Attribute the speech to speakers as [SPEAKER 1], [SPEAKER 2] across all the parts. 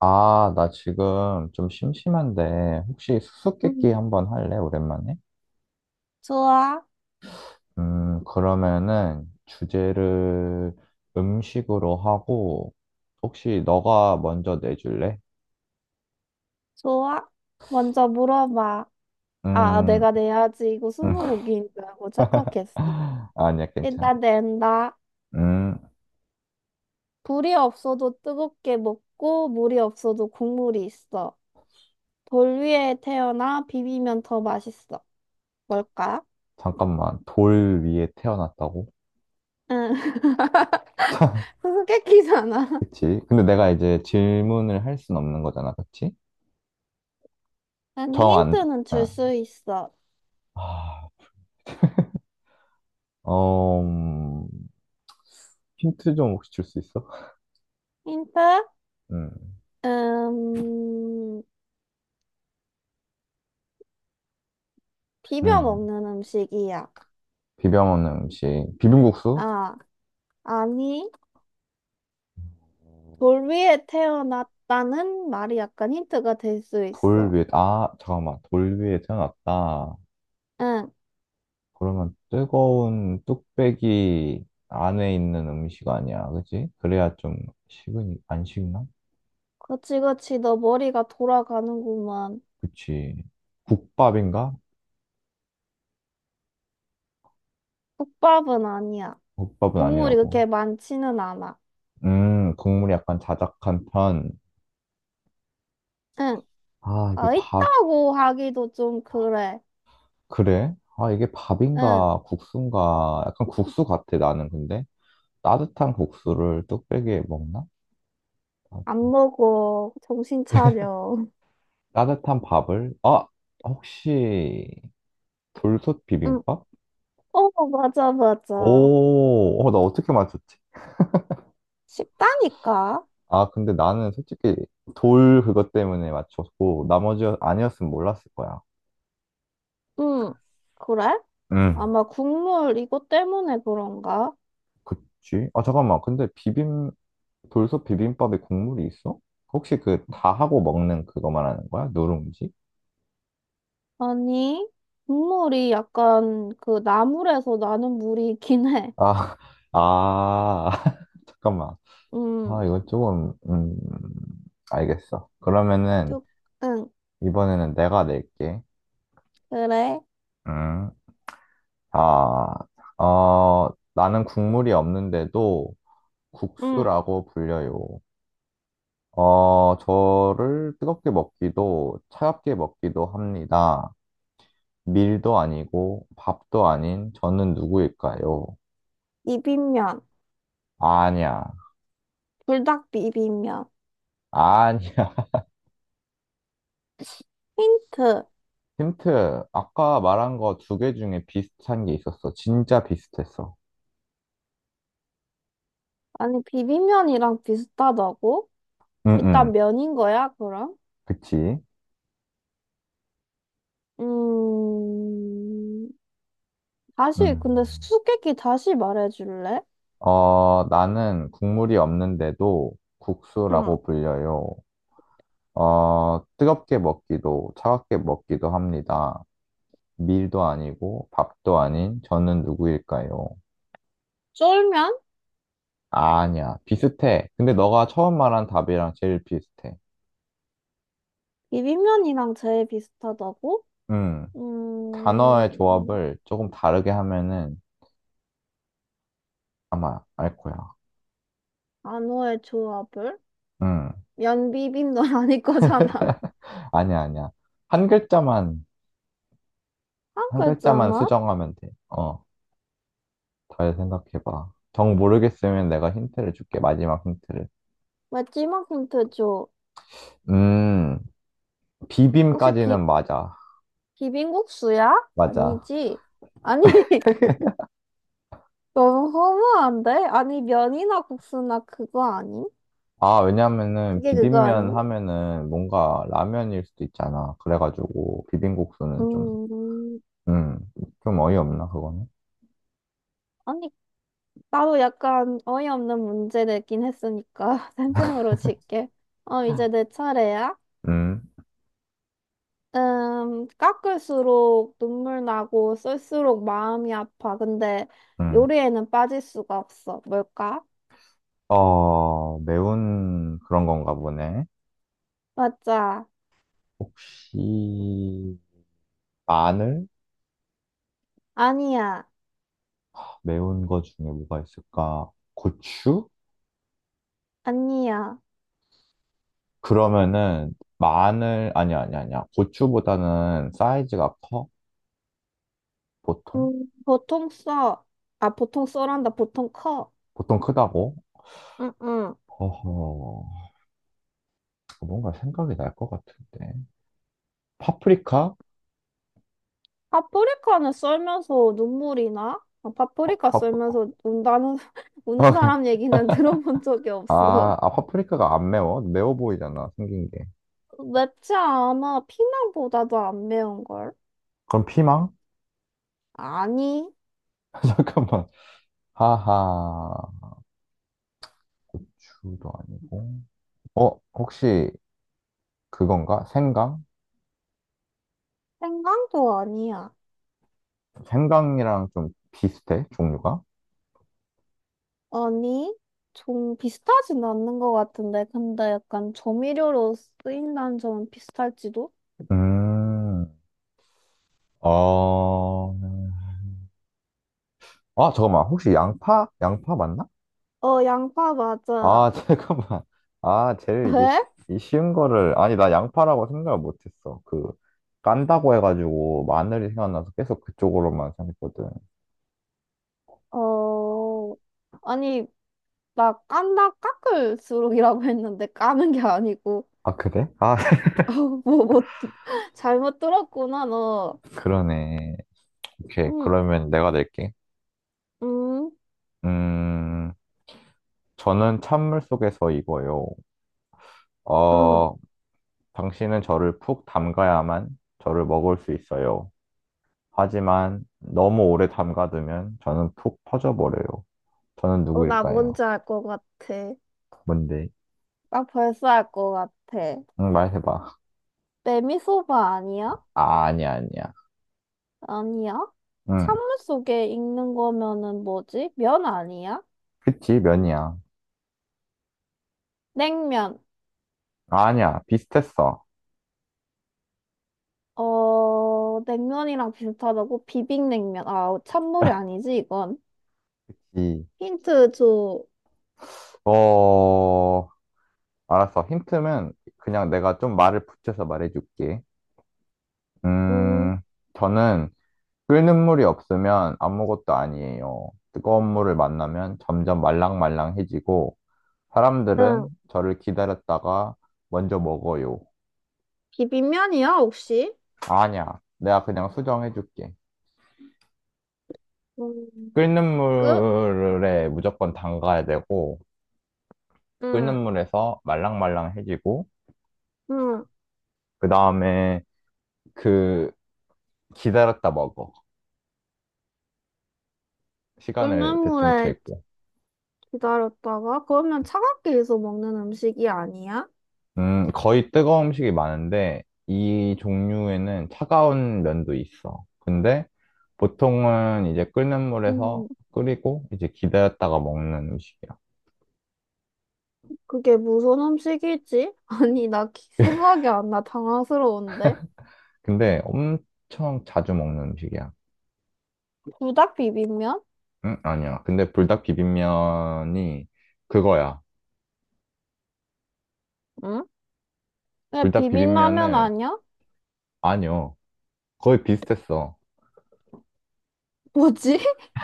[SPEAKER 1] 아, 나 지금 좀 심심한데, 혹시 수수께끼
[SPEAKER 2] 음,
[SPEAKER 1] 한번 할래, 오랜만에?
[SPEAKER 2] 좋아,
[SPEAKER 1] 그러면은 주제를 음식으로 하고, 혹시 너가 먼저 내줄래?
[SPEAKER 2] 좋아. 먼저 물어봐. 아,
[SPEAKER 1] 음,
[SPEAKER 2] 내가 내야지. 이거
[SPEAKER 1] 음.
[SPEAKER 2] 스무고기인 줄 알고 착각했어.
[SPEAKER 1] 아니야, 괜찮아.
[SPEAKER 2] 일단 낸다.
[SPEAKER 1] 음,
[SPEAKER 2] 불이 없어도 뜨겁게 먹고, 물이 없어도 국물이 있어. 돌 위에 태어나 비비면 더 맛있어. 뭘까?
[SPEAKER 1] 잠깐만. 돌 위에 태어났다고?
[SPEAKER 2] 응. 수수께끼잖아.
[SPEAKER 1] 그치? 근데 내가 이제 질문을 할 순 없는 거잖아, 그치?
[SPEAKER 2] 아니,
[SPEAKER 1] 정 안,
[SPEAKER 2] 힌트는 줄
[SPEAKER 1] 어,
[SPEAKER 2] 수 있어.
[SPEAKER 1] 아, 어, 힌트 좀 혹시 줄 수 있어?
[SPEAKER 2] 힌트?
[SPEAKER 1] 음,
[SPEAKER 2] 음, 비벼
[SPEAKER 1] 음.
[SPEAKER 2] 먹는 음식이야.
[SPEAKER 1] 비벼 먹는 음식. 비빔국수?
[SPEAKER 2] 아, 아니. 돌 위에 태어났다는 말이 약간 힌트가 될 수
[SPEAKER 1] 돌
[SPEAKER 2] 있어.
[SPEAKER 1] 위에, 잠깐만. 돌 위에 태어났다.
[SPEAKER 2] 응,
[SPEAKER 1] 그러면 뜨거운 뚝배기 안에 있는 음식 아니야. 그치? 그래야 좀 식으니, 안 식나?
[SPEAKER 2] 그치, 그치, 너 머리가 돌아가는구만.
[SPEAKER 1] 그치. 국밥인가?
[SPEAKER 2] 국밥은 아니야.
[SPEAKER 1] 국밥은
[SPEAKER 2] 국물이
[SPEAKER 1] 아니라고.
[SPEAKER 2] 그렇게 많지는 않아.
[SPEAKER 1] 국물이 약간 자작한 편.
[SPEAKER 2] 응,
[SPEAKER 1] 아, 이게
[SPEAKER 2] 아,
[SPEAKER 1] 밥,
[SPEAKER 2] 있다고 하기도 좀 그래.
[SPEAKER 1] 그래? 아, 이게
[SPEAKER 2] 응,
[SPEAKER 1] 밥인가, 국수인가. 약간 국수 같아, 나는 근데. 따뜻한 국수를 뚝배기에 먹나? 아,
[SPEAKER 2] 안 먹어. 정신 차려.
[SPEAKER 1] 따뜻한 밥을, 혹시 돌솥
[SPEAKER 2] 응,
[SPEAKER 1] 비빔밥?
[SPEAKER 2] 어, 맞아, 맞아.
[SPEAKER 1] 오, 나 어떻게 맞췄지?
[SPEAKER 2] 쉽다니까.
[SPEAKER 1] 아, 근데 나는 솔직히 돌 그것 때문에 맞췄고, 나머지 아니었으면 몰랐을 거야.
[SPEAKER 2] 응, 그래?
[SPEAKER 1] 응.
[SPEAKER 2] 아마 국물 이것 때문에 그런가?
[SPEAKER 1] 그치? 잠깐만. 근데 돌솥 비빔밥에 국물이 있어? 혹시 그 다 하고 먹는 그거 말하는 거야? 누룽지?
[SPEAKER 2] 아니, 국물이 약간 그 나물에서 나는 물이긴 해.
[SPEAKER 1] 아, 아, 잠깐만.
[SPEAKER 2] 음,
[SPEAKER 1] 아, 이건 조금, 알겠어. 그러면은,
[SPEAKER 2] 쭉, 응,
[SPEAKER 1] 이번에는 내가 낼게.
[SPEAKER 2] 그래.
[SPEAKER 1] 음. 아, 어, 나는 국물이 없는데도
[SPEAKER 2] 응.
[SPEAKER 1] 국수라고 불려요. 저를 뜨겁게 먹기도 차갑게 먹기도 합니다. 밀도 아니고 밥도 아닌 저는 누구일까요?
[SPEAKER 2] 비빔면,
[SPEAKER 1] 아니야.
[SPEAKER 2] 불닭 비빔면.
[SPEAKER 1] 아니야.
[SPEAKER 2] 힌트.
[SPEAKER 1] 힌트. 아까 말한 거 두 개 중에 비슷한 게 있었어. 진짜 비슷했어.
[SPEAKER 2] 아니, 비빔면이랑 비슷하다고?
[SPEAKER 1] 응,
[SPEAKER 2] 일단
[SPEAKER 1] 응.
[SPEAKER 2] 면인 거야, 그럼?
[SPEAKER 1] 그치?
[SPEAKER 2] 음, 다시,
[SPEAKER 1] 음.
[SPEAKER 2] 근데 수수께끼 다시 말해줄래?
[SPEAKER 1] 나는 국물이 없는데도
[SPEAKER 2] 응.
[SPEAKER 1] 국수라고 불려요. 뜨겁게 먹기도, 차갑게 먹기도 합니다. 밀도 아니고, 밥도 아닌, 저는 누구일까요?
[SPEAKER 2] 쫄면?
[SPEAKER 1] 아, 아니야. 비슷해. 근데 너가 처음 말한 답이랑 제일 비슷해.
[SPEAKER 2] 비빔면이랑 제일 비슷하다고?
[SPEAKER 1] 음, 단어의
[SPEAKER 2] 음,
[SPEAKER 1] 조합을 조금 다르게 하면은 아마 알 거야.
[SPEAKER 2] 안호의 조합을?
[SPEAKER 1] 음,
[SPEAKER 2] 면비빔 넌 아닐 거잖아.
[SPEAKER 1] 아니야, 아니야. 한 글자만,
[SPEAKER 2] 한
[SPEAKER 1] 한 글자만
[SPEAKER 2] 글자만?
[SPEAKER 1] 수정하면 돼. 잘 생각해봐. 정 모르겠으면 내가 힌트를 줄게. 마지막 힌트를.
[SPEAKER 2] 마지막 힌트 줘.
[SPEAKER 1] 음,
[SPEAKER 2] 혹시 비,
[SPEAKER 1] 비빔까지는 맞아.
[SPEAKER 2] 비빔국수야?
[SPEAKER 1] 맞아.
[SPEAKER 2] 아니지. 아니, 너무 허무한데? 아니, 면이나 국수나 그거 아니
[SPEAKER 1] 아, 왜냐면은
[SPEAKER 2] 그게 그거 아
[SPEAKER 1] 비빔면
[SPEAKER 2] 니
[SPEAKER 1] 하면은 뭔가 라면일 수도 있잖아. 그래가지고 비빔국수는 좀,
[SPEAKER 2] 음,
[SPEAKER 1] 음, 좀 어이없나, 그거는?
[SPEAKER 2] 아니, 나도 약간 어이없는 문제 내긴 했으니까, 쌤쌤으로 질게. 어, 이제 내 차례야?
[SPEAKER 1] 음,
[SPEAKER 2] 깎을수록 눈물 나고 쓸수록 마음이 아파. 근데
[SPEAKER 1] 음.
[SPEAKER 2] 요리에는 빠질 수가 없어. 뭘까?
[SPEAKER 1] 매운 그런 건가 보네.
[SPEAKER 2] 맞아.
[SPEAKER 1] 혹시 마늘?
[SPEAKER 2] 아니야.
[SPEAKER 1] 매운 거 중에 뭐가 있을까? 고추?
[SPEAKER 2] 아니야.
[SPEAKER 1] 그러면은 아니야, 아니야, 아니야. 고추보다는 사이즈가 커? 보통?
[SPEAKER 2] 보통 써. 아, 보통 써란다. 보통 커.
[SPEAKER 1] 보통 크다고?
[SPEAKER 2] 응, 응.
[SPEAKER 1] 어허, 뭔가 생각이 날 것 같은데. 파프리카?
[SPEAKER 2] 파프리카는 썰면서 눈물이 나? 아, 파프리카
[SPEAKER 1] 파프...
[SPEAKER 2] 썰면서 운다는, 우는 사람 얘기는 들어본 적이
[SPEAKER 1] 아,
[SPEAKER 2] 없어.
[SPEAKER 1] 아, 파프리카가 안 매워? 매워 보이잖아, 생긴 게.
[SPEAKER 2] 맵지 않아. 피망보다도 안 매운걸?
[SPEAKER 1] 그럼 피망?
[SPEAKER 2] 아니,
[SPEAKER 1] 잠깐만. 하하. 고추도 아니고. 혹시 그건가? 생강?
[SPEAKER 2] 생강도 아니야.
[SPEAKER 1] 생강이랑 좀 비슷해, 종류가?
[SPEAKER 2] 아니, 좀 비슷하진 않는 것 같은데, 근데 약간 조미료로 쓰인다는 점은 비슷할지도?
[SPEAKER 1] 음, 어, 잠깐만. 혹시 양파? 양파 맞나?
[SPEAKER 2] 어, 양파 맞아.
[SPEAKER 1] 아, 잠깐만. 아, 제일 이게
[SPEAKER 2] 왜?
[SPEAKER 1] 쉬, 이 쉬운 거를, 아니, 나 양파라고 생각을 못했어. 깐다고 해가지고 마늘이 생각나서 계속 그쪽으로만 생각했거든.
[SPEAKER 2] 어, 아니, 나 깐다 깎을수록이라고 했는데 까는 게 아니고,
[SPEAKER 1] 아, 그래? 아,
[SPEAKER 2] 어, 뭐, 뭐, 잘못 들었구나, 너.
[SPEAKER 1] 그러네. 오케이.
[SPEAKER 2] 응,
[SPEAKER 1] 그러면 내가 낼게.
[SPEAKER 2] 응,
[SPEAKER 1] 음, 저는 찬물 속에서 익어요.
[SPEAKER 2] 응.
[SPEAKER 1] 어, 당신은 저를 푹 담가야만 저를 먹을 수 있어요. 하지만 너무 오래 담가두면 저는 푹 퍼져버려요. 저는
[SPEAKER 2] 어, 나
[SPEAKER 1] 누구일까요?
[SPEAKER 2] 뭔지 알 것 같아.
[SPEAKER 1] 뭔데?
[SPEAKER 2] 나 벌써 알 것 같아.
[SPEAKER 1] 응, 말해봐.
[SPEAKER 2] 메미소바 아니야?
[SPEAKER 1] 아, 아니야, 아니야.
[SPEAKER 2] 아니야?
[SPEAKER 1] 응,
[SPEAKER 2] 찬물 속에 익는 거면은 뭐지? 면 아니야?
[SPEAKER 1] 그치, 면이야.
[SPEAKER 2] 냉면.
[SPEAKER 1] 아, 아니야, 비슷했어.
[SPEAKER 2] 어, 냉면이랑 비슷하다고? 비빔냉면. 아, 찬물이 아니지, 이건.
[SPEAKER 1] 그치.
[SPEAKER 2] 힌트 줘.
[SPEAKER 1] 어, 알았어. 힌트는 그냥 내가 좀 말을 붙여서 말해줄게.
[SPEAKER 2] 음,
[SPEAKER 1] 음, 저는 끓는 물이 없으면 아무것도 아니에요. 뜨거운 물을 만나면 점점 말랑말랑해지고, 사람들은
[SPEAKER 2] 응.
[SPEAKER 1] 저를 기다렸다가 먼저 먹어요.
[SPEAKER 2] 비빔면이야, 혹시?
[SPEAKER 1] 아니야, 내가 그냥 수정해줄게.
[SPEAKER 2] 음,
[SPEAKER 1] 끓는
[SPEAKER 2] 끝?
[SPEAKER 1] 물에 무조건 담가야 되고, 끓는
[SPEAKER 2] 응,
[SPEAKER 1] 물에서 말랑말랑해지고,
[SPEAKER 2] 응.
[SPEAKER 1] 그 다음에 그 기다렸다 먹어.
[SPEAKER 2] 끓는
[SPEAKER 1] 시간을 대충
[SPEAKER 2] 물에
[SPEAKER 1] 재고.
[SPEAKER 2] 기다렸다가, 그러면 차갑게 해서 먹는 음식이 아니야?
[SPEAKER 1] 거의 뜨거운 음식이 많은데 이 종류에는 차가운 면도 있어. 근데 보통은 이제 끓는 물에서
[SPEAKER 2] 음,
[SPEAKER 1] 끓이고 이제 기다렸다가 먹는 음식이야.
[SPEAKER 2] 그게 무슨 음식이지? 아니, 생각이 안 나. 당황스러운데.
[SPEAKER 1] 근데 엄청 자주 먹는 음식이야.
[SPEAKER 2] 부닭 비빔면?
[SPEAKER 1] 응? 아니야. 근데 불닭 비빔면이 그거야.
[SPEAKER 2] 응? 왜
[SPEAKER 1] 불닭
[SPEAKER 2] 비빔라면
[SPEAKER 1] 비빔면을
[SPEAKER 2] 아니야?
[SPEAKER 1] 아니요. 거의 비슷했어.
[SPEAKER 2] 뭐지?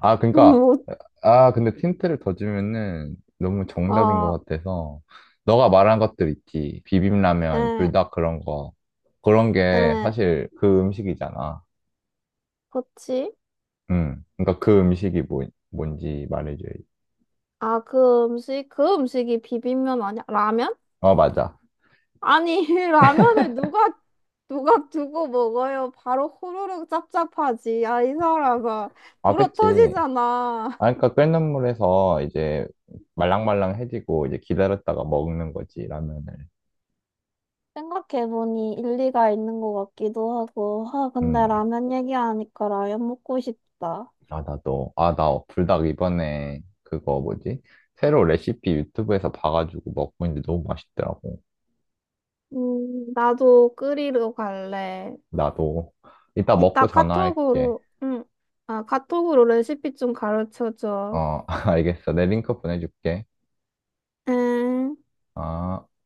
[SPEAKER 1] 아, 그러니까
[SPEAKER 2] 뭐,
[SPEAKER 1] 아, 근데 틴트를 더 주면은 너무 정답인 것
[SPEAKER 2] 아,
[SPEAKER 1] 같아서, 너가 말한 것들 있지. 비빔라면,
[SPEAKER 2] 에,
[SPEAKER 1] 불닭 그런 거. 그런 게
[SPEAKER 2] 에,
[SPEAKER 1] 사실 그 음식이잖아.
[SPEAKER 2] 그치?
[SPEAKER 1] 응. 그러니까 그 음식이 뭔지 말해줘야지.
[SPEAKER 2] 아, 그 음식이 비빔면 아니야? 라면?
[SPEAKER 1] 맞아.
[SPEAKER 2] 아니, 누가 두고 먹어요? 바로 호로록 짭짭하지. 야, 이 사람아.
[SPEAKER 1] 아,
[SPEAKER 2] 불어
[SPEAKER 1] 그치.
[SPEAKER 2] 터지잖아.
[SPEAKER 1] 아, 그러니까 끓는 물에서 이제 말랑말랑해지고 이제 기다렸다가 먹는 거지, 라면을.
[SPEAKER 2] 생각해보니 일리가 있는 것 같기도 하고, 아, 근데
[SPEAKER 1] 음.
[SPEAKER 2] 라면 얘기하니까 라면 먹고 싶다.
[SPEAKER 1] 아, 나도. 아, 나 불닭 이번에 그거 뭐지? 새로 레시피 유튜브에서 봐가지고 먹고 있는데 너무 맛있더라고.
[SPEAKER 2] 나도 끓이러 갈래.
[SPEAKER 1] 나도. 이따 먹고
[SPEAKER 2] 이따
[SPEAKER 1] 전화할게.
[SPEAKER 2] 카톡으로, 응. 아, 카톡으로 레시피 좀 가르쳐줘.
[SPEAKER 1] 어, 알겠어. 내 링크 보내줄게.
[SPEAKER 2] 응.
[SPEAKER 1] 아.